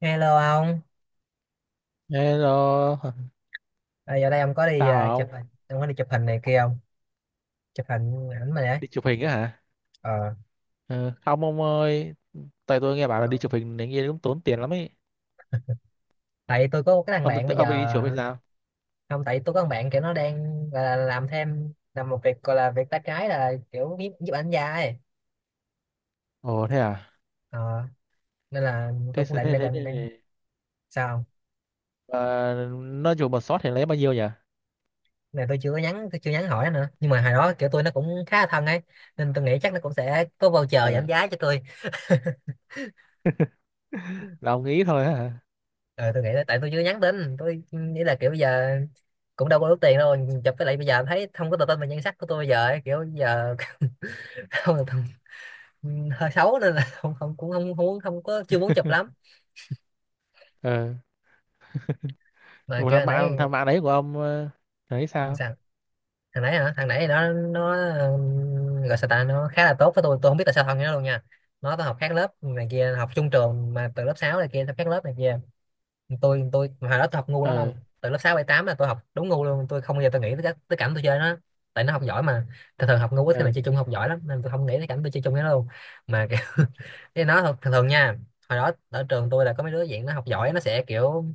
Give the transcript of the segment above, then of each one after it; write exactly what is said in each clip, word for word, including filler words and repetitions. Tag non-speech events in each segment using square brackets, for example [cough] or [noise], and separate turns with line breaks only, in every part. Hello ông,
Hello,
à, giờ đây ông có đi à,
sao
chụp
không?
hình, ông có đi chụp hình này kia không? Chụp hình ảnh mà đấy.
Đi chụp hình á hả?
Ờ.
Ờ, không ông ơi, tại tôi nghe bảo là
Ờ.
đi chụp hình này kia cũng tốn tiền lắm ấy.
Tại tôi có một cái thằng
Ông
bạn bây
ông đi
giờ,
chụp hay sao?
không tại tôi có thằng bạn kiểu nó đang gọi là làm thêm làm một việc gọi là việc tay trái là kiểu giúp giúp ảnh gia ấy.
Ồ thế à?
Ờ. Nên là tôi
Thế
cũng
thế
định
thế
định
thế,
định,
thế.
định.
thế.
Sao không?
Ờ, nó chụp một shot thì lấy bao nhiêu nhỉ?
Cái này tôi chưa có nhắn, tôi chưa nhắn hỏi nó nữa. Nhưng mà hồi đó kiểu tôi nó cũng khá là thân ấy, nên tôi nghĩ chắc nó cũng sẽ có voucher giảm
Ờ,
giá cho tôi. [laughs]
là ông nghĩ thôi á hả?
Ờ, tôi nghĩ là tại tôi chưa nhắn tin, tôi nghĩ là kiểu bây giờ cũng đâu có đủ tiền đâu chụp, với lại bây giờ thấy không có tự tin về nhan sắc của tôi bây giờ ấy, kiểu bây giờ [laughs] không là hơi xấu nên là không, không cũng không muốn, không có chưa muốn chụp lắm
Ờ,
mà
một
kiểu
thằng
thằng nãy.
bạn thằng bạn đấy của ông, ờ, thấy sao?
Sao thằng nãy hả? Thằng nãy nó nó ừm, gọi sao ta, nó khá là tốt với tôi tôi không biết tại sao thân với nó luôn nha. Nó tôi học khác lớp này kia, học chung trường mà từ lớp sáu này kia học khác lớp này kia. Tôi tôi hồi đó tôi học ngu lắm
Ờ,
ông, từ lớp sáu bảy tám là tôi học đúng ngu luôn. Tôi không bao giờ tôi nghĩ tới, cái- tới cảnh tôi chơi nó. Tại nó học giỏi mà, thường thường học ngu ít khi
ờ,
nào chơi chung, học giỏi lắm nên tôi không nghĩ tới cảnh tôi chơi chung với nó luôn. Mà cái [laughs] cái nó thường, thường thường nha. Hồi đó ở trường tôi là có mấy đứa dạng nó học giỏi nó sẽ kiểu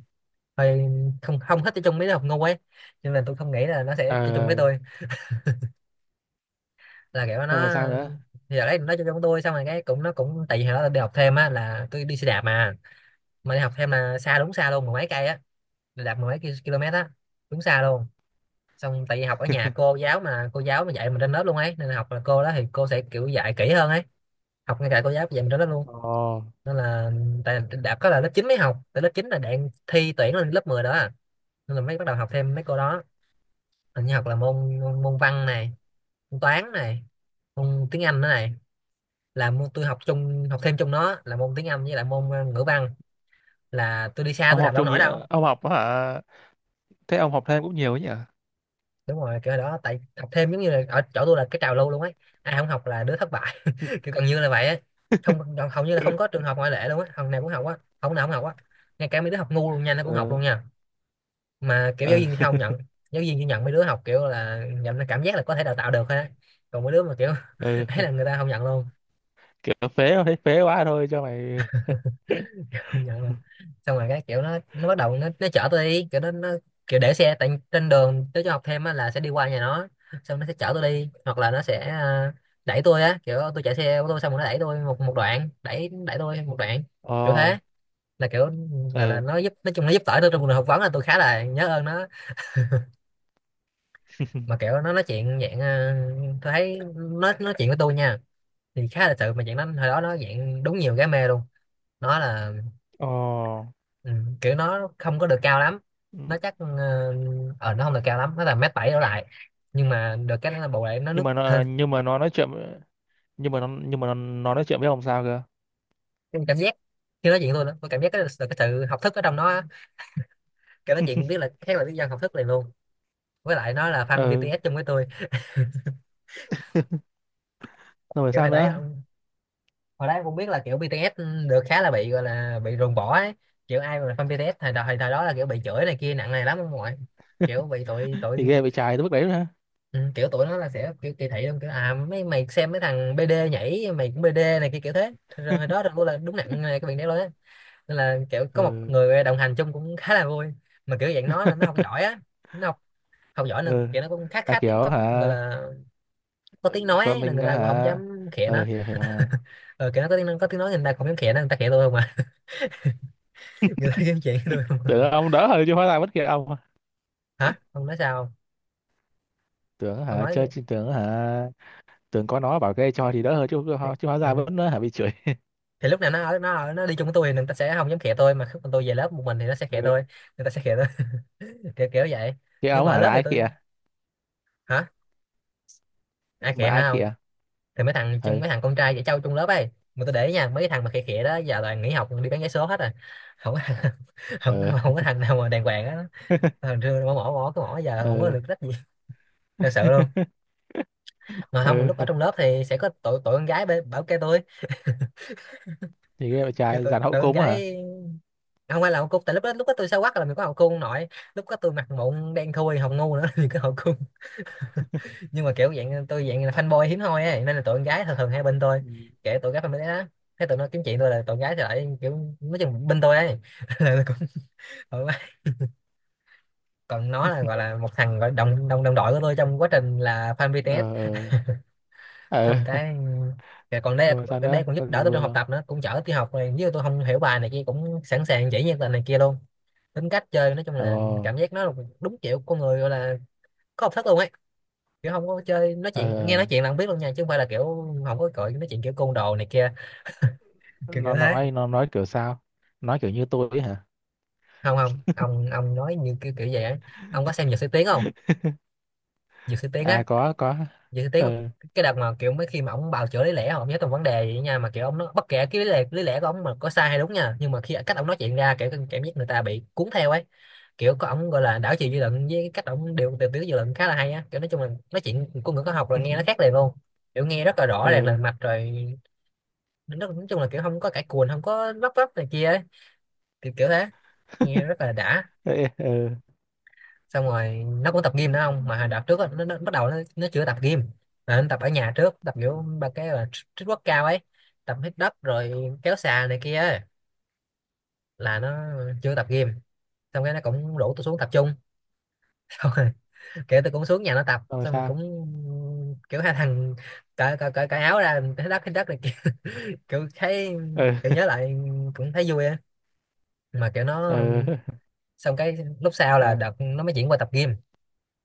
hơi không không thích chơi chung với đứa học ngu ấy, nhưng mà tôi không nghĩ là nó sẽ chơi chung với
ờ,
tôi, là kiểu nó.
không phải sao nữa.
Giờ đấy nó chơi chung với tôi, xong rồi cái cũng nó cũng tại vì hồi đó tôi đi học thêm á là tôi đi xe đạp mà. Mà đi học thêm là xa, đúng xa luôn, mười mấy cây á, đạp mười mấy ki- km á, đúng xa luôn. Xong tại vì học ở nhà cô
[laughs]
giáo mà cô giáo mà dạy mình trên lớp luôn ấy, nên là học là cô đó thì cô sẽ kiểu dạy kỹ hơn ấy. Học ngay cả cô giáo dạy mình trên lớp luôn,
Ồ,
nên là tại đã có là lớp chín mới học, tại lớp chín là đang thi tuyển lên lớp mười đó à. Nên là mới bắt đầu học thêm mấy cô đó. Hình như học là môn môn, môn văn này, môn toán này, môn tiếng Anh nữa này. Là môn tôi học chung, học thêm chung nó là môn tiếng Anh với lại môn ờ, ngữ văn. Là tôi đi xa
ông
tôi đạp
học
đâu
chung
nổi
gì?
đâu.
Ông học hả? Thế ông học thêm cũng nhiều ấy nhỉ?
Đúng rồi, kiểu đó tại học thêm giống như là ở chỗ tôi là cái trào lưu luôn ấy. Ai không học là đứa thất bại, kiểu gần như là vậy á. Không, hầu như là không có
[laughs]
trường hợp ngoại lệ luôn á, học nào cũng học á, học nào cũng học á. Ngay cả mấy đứa học ngu luôn nha nó cũng học
Ờ,
luôn nha. Mà kiểu giáo
ờ.
viên thì không nhận, giáo viên chỉ nhận mấy đứa học kiểu là nhận là cảm giác là có thể đào tạo được thôi á. Còn mấy đứa mà kiểu [laughs] ấy
[laughs]
là người ta không nhận luôn.
Kiểu phế thôi, thấy phế quá thôi cho mày.
[laughs] Không nhận luôn. Xong rồi cái kiểu nó nó bắt đầu nó nó chở tôi đi kiểu nó, nó kiểu để xe tại trên đường tới cho học thêm á là sẽ đi qua nhà nó. Xong nó sẽ chở tôi đi, hoặc là nó sẽ à, đẩy tôi á, kiểu tôi chạy xe ô tô xong rồi nó đẩy tôi một một đoạn, đẩy đẩy tôi một đoạn, kiểu
Ờ.
thế. Là kiểu gọi là
Ừ.
nó giúp, nói chung nó giúp đỡ tôi trong cuộc phỏng vấn là tôi khá là nhớ ơn nó. Mà kiểu nó nói chuyện dạng ờ, tôi thấy nó nói chuyện với tôi nha thì khá là sự mà chuyện nó. Hồi đó nó dạng đúng nhiều gái mê luôn, nó là
Ồ.
ừ, kiểu nó không có được cao lắm.
Ừ.
Nó chắc ờ ờ, nó không được cao lắm, nó là mét bảy đổ lại, nhưng mà được cái nó là bù lại nó
nhưng
nước
mà
thơm.
nó nhưng mà nó nói chuyện nhưng mà nó nhưng mà nó, nó nói chuyện với ông sao cơ?
Cái cảm giác khi nói chuyện với tôi đó, tôi cảm giác cái, được cái sự học thức ở trong nó á. Kiểu nói chuyện biết là khác, là biết dân học thức liền luôn. Với lại nó là fan
Ừ,
bê tê ét chung với tôi.
xong rồi phải
Kiểu
sao
hồi đấy
nữa?
hồi đấy em cũng biết là kiểu bi ti ét được khá là bị gọi là bị ruồng bỏ ấy. Kiểu ai mà là fan bê tê ét thời thời thời đó là kiểu bị chửi này kia nặng này lắm ông ngoại. Kiểu bị tụi tụi.
Thì ghê bị chài tới mức đấy nữa hả?
Ừ, kiểu tụi nó là sẽ kiểu kỳ thị luôn, kiểu à mấy mày xem mấy thằng bê đê nhảy mày cũng bê đê này kia, kiểu thế. Rồi hồi đó là là đúng nặng này, cái việc đấy luôn á. Nên là kiểu có một
Ừ.
người đồng hành chung cũng khá là vui. Mà kiểu dạng nó là nó học
[laughs]
giỏi á, nó học, học giỏi nên
Ừ.
kiểu nó cũng khá,
Là
khá tiếng,
kiểu
có gọi
hả?
là có tiếng nói
Con
ấy, nên
mình
người ta cũng không
hả?
dám khịa
Ừ,
nó.
hiểu hiểu mà.
Ờ, kiểu nó có tiếng, có tiếng nói, người ta không dám khịa nó, người ta khịa tôi không à. Người ta kiếm chuyện với tôi.
Tưởng
[laughs]
ông đỡ hơn chứ, hóa ra bất kỳ ông.
Hả? Ông nói sao không?
Tưởng
Ông
hả?
nói
Chơi
gì?
chứ, tưởng hả? Tưởng có nó bảo ghê cho thì đỡ hơn chứ. Chứ hóa ra
Ừ.
vẫn hả bị chửi.
Thì lúc nào nó ở, nó ở nó đi chung với tôi thì người ta sẽ không dám khịa tôi, mà khi mà tôi về lớp một mình thì nó sẽ khịa
Ừ.
tôi, người ta sẽ khịa tôi. [laughs] Kiểu kiểu vậy.
Cái
Nhưng
ông
mà ở
hả
lớp
là
thì
ai kìa?
tôi hả? Ai
Mà
khịa
ai
hả? Không,
kìa?
thì mấy thằng chung,
Ừ.
mấy thằng con trai dễ trâu chung lớp ấy. Mà tôi để ý nha, mấy cái thằng mà khịa khịa đó giờ toàn nghỉ học đi bán vé số hết rồi. [laughs] Không có thằng- [laughs] không,
Ừ.
không có thằng nào mà đàng hoàng á.
[laughs]
Thằng xưa mỏ mỏ mỏ cái mỏ giờ không có
Ừ.
được trách gì, thật sự luôn.
[laughs]
Mà không,
Ừ.
lúc ở trong lớp thì sẽ có tụi tụi con gái bê- bảo kêu tôi.
Thì cái bạn
Kêu
trai
tụi,
dàn hậu
tụi con
cung hả?
gái, không phải là hậu cung tại lúc đó, lúc đó tôi xấu quắc là mình có hậu cung nội. Lúc đó tôi mặt mụn đen thui hồng ngu nữa [laughs] thì có hậu cung. [laughs] Nhưng mà kiểu dạng tôi dạng là fanboy hiếm hoi ấy nên là tụi con gái thường thường hay bên tôi.
Ừ.
Kể tụi gái fan đấy đó, thế tụi nó kiếm chuyện tôi là tụi gái thì lại kiểu nói chung bên tôi ấy. [laughs] Là tôi cũng thoải mái. Còn nó là gọi là một thằng gọi đồng đồng đồng đội của tôi trong quá trình là fan
Ờ.
bê tê ét.
Ờ.
Xong
Ờ.
cái cái còn
[laughs]
đây,
Rồi sao
đây
nữa,
còn giúp
có gì
đỡ tôi
vui
trong học
không?
tập nữa, cũng chở tôi học này, nếu tôi không hiểu bài này kia cũng sẵn sàng chỉ như là này kia luôn. Tính cách chơi nói chung
Ờ.
là cảm giác nó là đúng kiểu con người gọi là có học thức luôn ấy. Kiểu không có chơi nói
Ờ.
chuyện, nghe nói chuyện là không biết luôn nha, chứ không phải là kiểu không có cội nói chuyện kiểu côn đồ này kia, kiểu kiểu
nó
thế.
nói nó nói kiểu sao? Nói kiểu như tôi ấy hả?
Không không, ông ông nói như kiểu kiểu vậy á. Ông có xem Dược Sĩ Tiến không? Dược Sĩ Tiến
À,
á.
có có.
Vậy thì tiếng
Ờ.
cái đợt mà kiểu mấy khi mà ông bào chữa lý lẽ ông nhớ từng vấn đề vậy nha, mà kiểu ông nó bất kể cái lý lẽ, lý lẽ của ông mà có sai hay đúng nha, nhưng mà khi cách ông nói chuyện ra kiểu cảm giác người ta bị cuốn theo ấy. Kiểu có ông gọi là đảo chiều
Ừ.
dư luận với cái cách ông điều điều tiết dư luận khá là hay á, kiểu nói chung là nói chuyện của người có học là nghe nó khác
[laughs]
liền luôn. Kiểu nghe rất là rõ ràng
Ờ.
lần mạch rồi. Nó nói chung là kiểu không có cãi cùn, không có vấp vấp này kia ấy, kiểu kiểu thế. Nghe
[laughs]
rất là đã.
Ê, ờ.
Xong rồi nó cũng tập gym nữa không, mà hồi đợt trước á, nó, nó bắt đầu nó, nó chưa tập gym mà nó tập ở nhà trước Tập
Ừ.
kiểu ba cái là tr- trích quất cao ấy, tập hít đất rồi kéo xà này kia ấy. Là nó chưa tập gym, xong cái nó cũng rủ tôi xuống tập chung. [laughs] Xong rồi kiểu tôi cũng xuống nhà nó tập
Xong rồi
xong rồi
sao?
cũng kiểu hai thằng cởi cởi cởi, cởi áo ra, hít đất hít đất này kia. [laughs] Kiểu thấy,
Ờ. [laughs]
kiểu nhớ lại cũng thấy vui á. Mà kiểu nó,
Ờ.
xong cái lúc sau là
Sao?
đợt nó mới chuyển qua tập gym.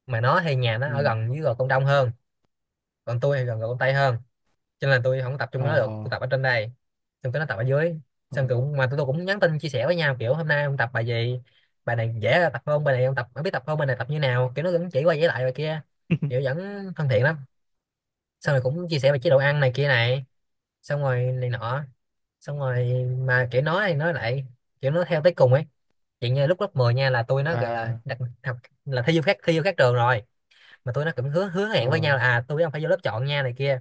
Mà nó thì nhà nó
Ừ.
ở gần với Gò Công Đông hơn, còn tôi thì gần gần Con Tay hơn, cho nên là tôi không tập trung
Ờ.
với nó được, tôi tập ở trên đây, xong cái nó tập ở dưới.
Ờ.
Xong tôi cũng, mà tụi tôi cũng nhắn tin chia sẻ với nhau kiểu hôm nay ông tập bài gì, bài này dễ tập không, bài này ông tập không, biết tập không, bài này tập như nào. Kiểu nó vẫn chỉ qua chỉ lại bài kia, kiểu
[laughs]
vẫn thân thiện lắm. Xong rồi cũng chia sẻ về chế độ ăn này kia này, xong rồi này nọ, xong rồi mà kiểu nói thì nói lại, kiểu nó theo tới cùng ấy. Chuyện như lúc lớp mười nha, là tôi nó gọi là
À.
đặt học, là thi vô khác, thi vô khác trường rồi, mà tụi nó cũng hứa hứa hẹn với
Ờ.
nhau là à, tôi với ông phải vô lớp chọn nha này kia,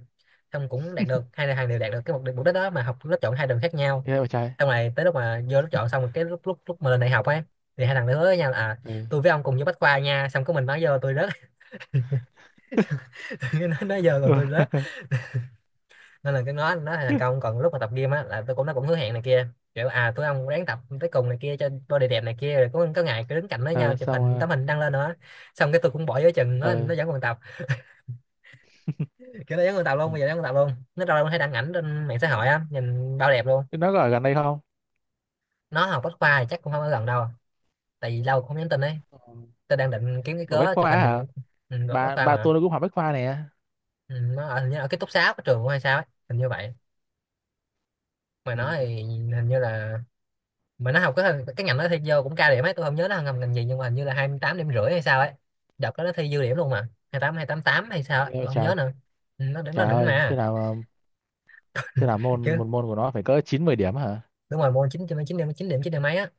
xong cũng đạt được, hai thằng đều đạt được cái mục đích mục đích đó mà học lớp chọn hai đường khác nhau.
Thế bạn trai.
Xong rồi tới lúc mà vô lớp chọn xong rồi, cái lúc lúc lúc mà lên đại học ấy, thì hai thằng nó hứa với nhau là à,
Ờ.
tôi với ông cùng vô Bách Khoa nha, xong có mình nói vô, tôi rớt. [laughs] Nó nói vô còn
[laughs]
tôi
Ờ.
rớt, nên là cái nó nó thành công. Còn lúc mà tập gym á, là tôi cũng, nó cũng hứa hẹn này kia, kiểu à tôi ông ráng tập tới cùng này kia cho body đẹp này kia, rồi có có ngày cứ đứng cạnh với nhau
Ờ,
chụp
xong
hình,
rồi.
tấm hình đăng lên nữa. Xong cái tôi cũng bỏ giữa chừng, nó
Ờ.
nó vẫn còn tập. Kiểu nó giống con tàu
Ừ.
luôn, bây giờ giống con tàu luôn, nó đâu đâu thấy đăng ảnh trên mạng xã hội á, nhìn bao đẹp luôn.
Nó có ở gần đây không?
Nó học Bách Khoa thì chắc cũng không ở gần đâu, tại vì lâu không nhắn tin ấy.
Ờ,
Tôi đang định kiếm cái
ở Bách
cớ chụp
Khoa
hình này
à?
những, ừ, được Bách
bà
Khoa
bà
mà.
tôi nó cũng học Bách Khoa nè.
Ừ, nó ở, hình như ở ký túc xá của trường hay sao ấy, hình như vậy. Mà nó thì
Ừ.
hình như là, mà nó học cái cái ngành nó thi vô cũng cao điểm ấy, tôi không nhớ nó học ngành gì, nhưng mà hình như là hai mươi tám điểm rưỡi hay sao ấy. Đợt đó nó thi dư điểm luôn, mà hai hai tám, hai tám tám hay sao ấy,
Nghe vậy
tôi không
trời.
nhớ nữa. Ừ, nó đỉnh, nó
Trời
đỉnh
ơi, thế
mà.
nào mà- thế nào môn
Chứ
một môn của nó phải cỡ chín mười điểm hả?
đúng rồi, môn chín, chín điểm, chín điểm, chín điểm mấy á.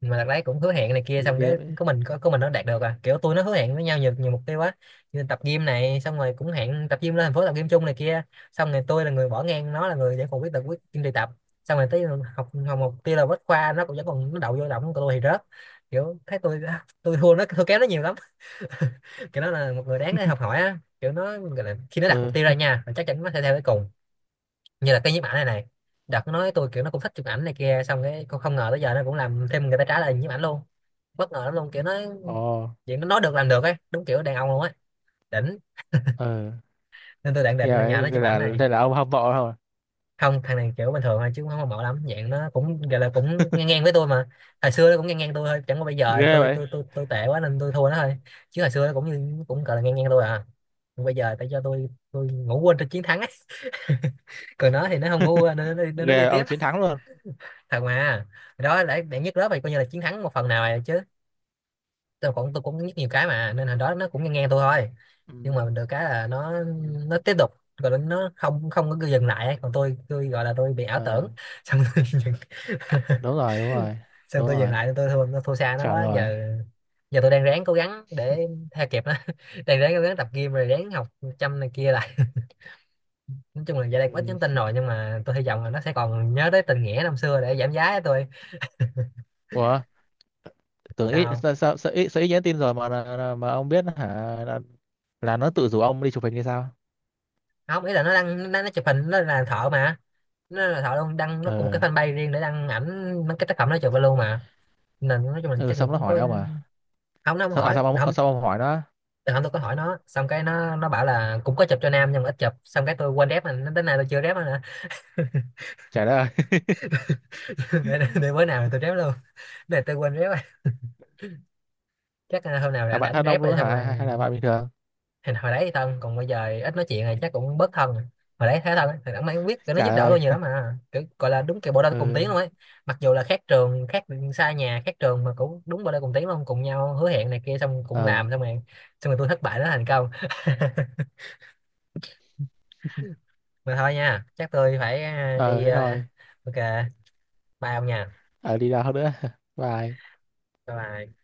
Mà đợt đấy cũng hứa hẹn này kia,
Thì
xong cái
ghê vậy.
của mình có, của mình nó đạt được à, kiểu tôi nó hứa hẹn với nhau nhiều, nhiều mục tiêu quá, như tập gym này, xong rồi cũng hẹn tập gym, lên thành phố tập gym chung này kia. Xong rồi tôi là người bỏ ngang, nó là người vẫn còn quyết tập, quyết kiên trì tập. Xong rồi tới học, học mục tiêu là Bách Khoa, nó cũng vẫn còn, nó đậu vô động, của tôi thì rớt. Kiểu thấy tôi [laughs] tôi thua nó, thua kém nó nhiều lắm. [laughs] Kiểu nó là một người đáng để học hỏi á. Kiểu nó gọi là khi nó đặt mục
Ừ.
tiêu ra
[laughs]
nha, là chắc chắn nó sẽ theo tới cùng. Như là cái nhiếp ảnh này này, đợt nó nói tôi kiểu nó cũng thích chụp ảnh này kia, xong cái không, không ngờ tới giờ nó cũng làm thêm, người ta trả lời nhiếp ảnh luôn. Bất ngờ lắm luôn, kiểu nó
Ồ.
chuyện nó nói được làm được ấy, đúng kiểu đàn ông luôn á, đỉnh.
Ừ.
Nên tôi định
Ghê
định nhờ
vậy,
nó
thế
chụp ảnh
là
này.
thế là ông hâm mộ không?
Không, thằng này kiểu bình thường thôi chứ cũng không hâm mộ lắm, dạng nó cũng gọi là cũng ngang ngang với tôi mà. Hồi xưa nó cũng ngang ngang tôi thôi, chẳng qua bây giờ
Ghê
tôi
vậy.
tôi tôi tôi tệ quá nên tôi thua nó thôi. Chứ hồi xưa nó cũng như cũng gọi là ngang ngang tôi à. Còn bây giờ tại cho tôi tôi ngủ quên trên chiến thắng ấy. [laughs] Còn nó thì nó không ngủ quên, nên nó, đi- nên nó đi
Ghê,
tiếp.
ông chiến thắng luôn.
Thật mà. Hồi đó để để nhất lớp thì coi như là chiến thắng một phần nào rồi chứ. Tôi cũng, tôi cũng nhất nhiều cái mà, nên hồi đó nó cũng nghe nghe tôi thôi.
Ừ.
Nhưng mà được cái là nó
Ừ.
nó tiếp tục, rồi nó nó không không có dừng lại ấy. Còn tôi tôi gọi là tôi bị ảo tưởng
Ừ.
[laughs] xong tôi dừng. [laughs]
Đúng rồi, đúng rồi.
Xong
Đúng
tôi dừng
rồi.
lại, tôi thua nó, thua xa nó
Chuẩn
quá
rồi.
giờ. Giờ tôi đang ráng cố gắng để theo kịp nó. [laughs] Đang ráng cố gắng tập gym rồi ráng học chăm này kia lại. [laughs] Nói chung là giờ đây cũng ít
Ừ.
nhắn tin rồi, nhưng mà tôi hy vọng là nó sẽ còn nhớ tới tình nghĩa năm xưa để giảm giá cho tôi.
Ủa, tưởng ít,
Sao
sao sao sao ít, sao ít nhắn tin rồi mà mà, mà ông biết hả? Là, là nó tự rủ ông đi chụp hình hay sao?
không, ý là nó đăng, nó, nó chụp hình, nó là thợ mà. Nó là thợ luôn, đăng nó cùng một
Ừ.
cái fanpage riêng để đăng ảnh mấy cái tác phẩm nó chụp vào luôn mà. Nên nói chung là
Ừ.
chắc mình
Xong nó
cũng
hỏi
có.
ông à?
Không, nó không
sao, à,
hỏi,
sao ông ờ,
không.
sao ông hỏi nó?
Từ hôm tôi có hỏi nó, xong cái nó nó bảo là cũng có chụp cho nam nhưng mà ít chụp, xong cái tôi quên rep mà nó, đến nay tôi chưa rep nữa nè.
Trả lời. [laughs]
[laughs] để, để, để bữa nào tôi rep luôn, để tôi quên rep rồi. Chắc là hôm nào
Là
rảnh
bạn
rảnh
thân
rep
ông luôn
rồi
đó
xong
hả,
rồi.
hay, hay là bạn bình thường?
Hồi, hồi đấy thì thân, còn bây giờ ít nói chuyện này chắc cũng bớt thân rồi. Hồi đấy thấy thân á, thì đẳng mày cũng biết cái nó
Trả
giúp đỡ
lời.
tôi nhiều lắm mà, kiểu gọi là đúng kiểu bộ đôi cùng
Ừ.
tiếng luôn ấy. Mặc dù là khác trường khác, xa nhà khác trường, mà cũng đúng bộ đôi cùng tiếng luôn, cùng nhau hứa hẹn này kia xong cũng
Ờ.
làm, xong rồi, xong rồi tôi thất bại nó thành công. [laughs] Mà thôi nha, chắc tôi phải à,
Ờ,
đi
thế
à,
thôi.
ok, bye ông nha,
Ở đi đâu nữa? [laughs] Bye.
bye bye.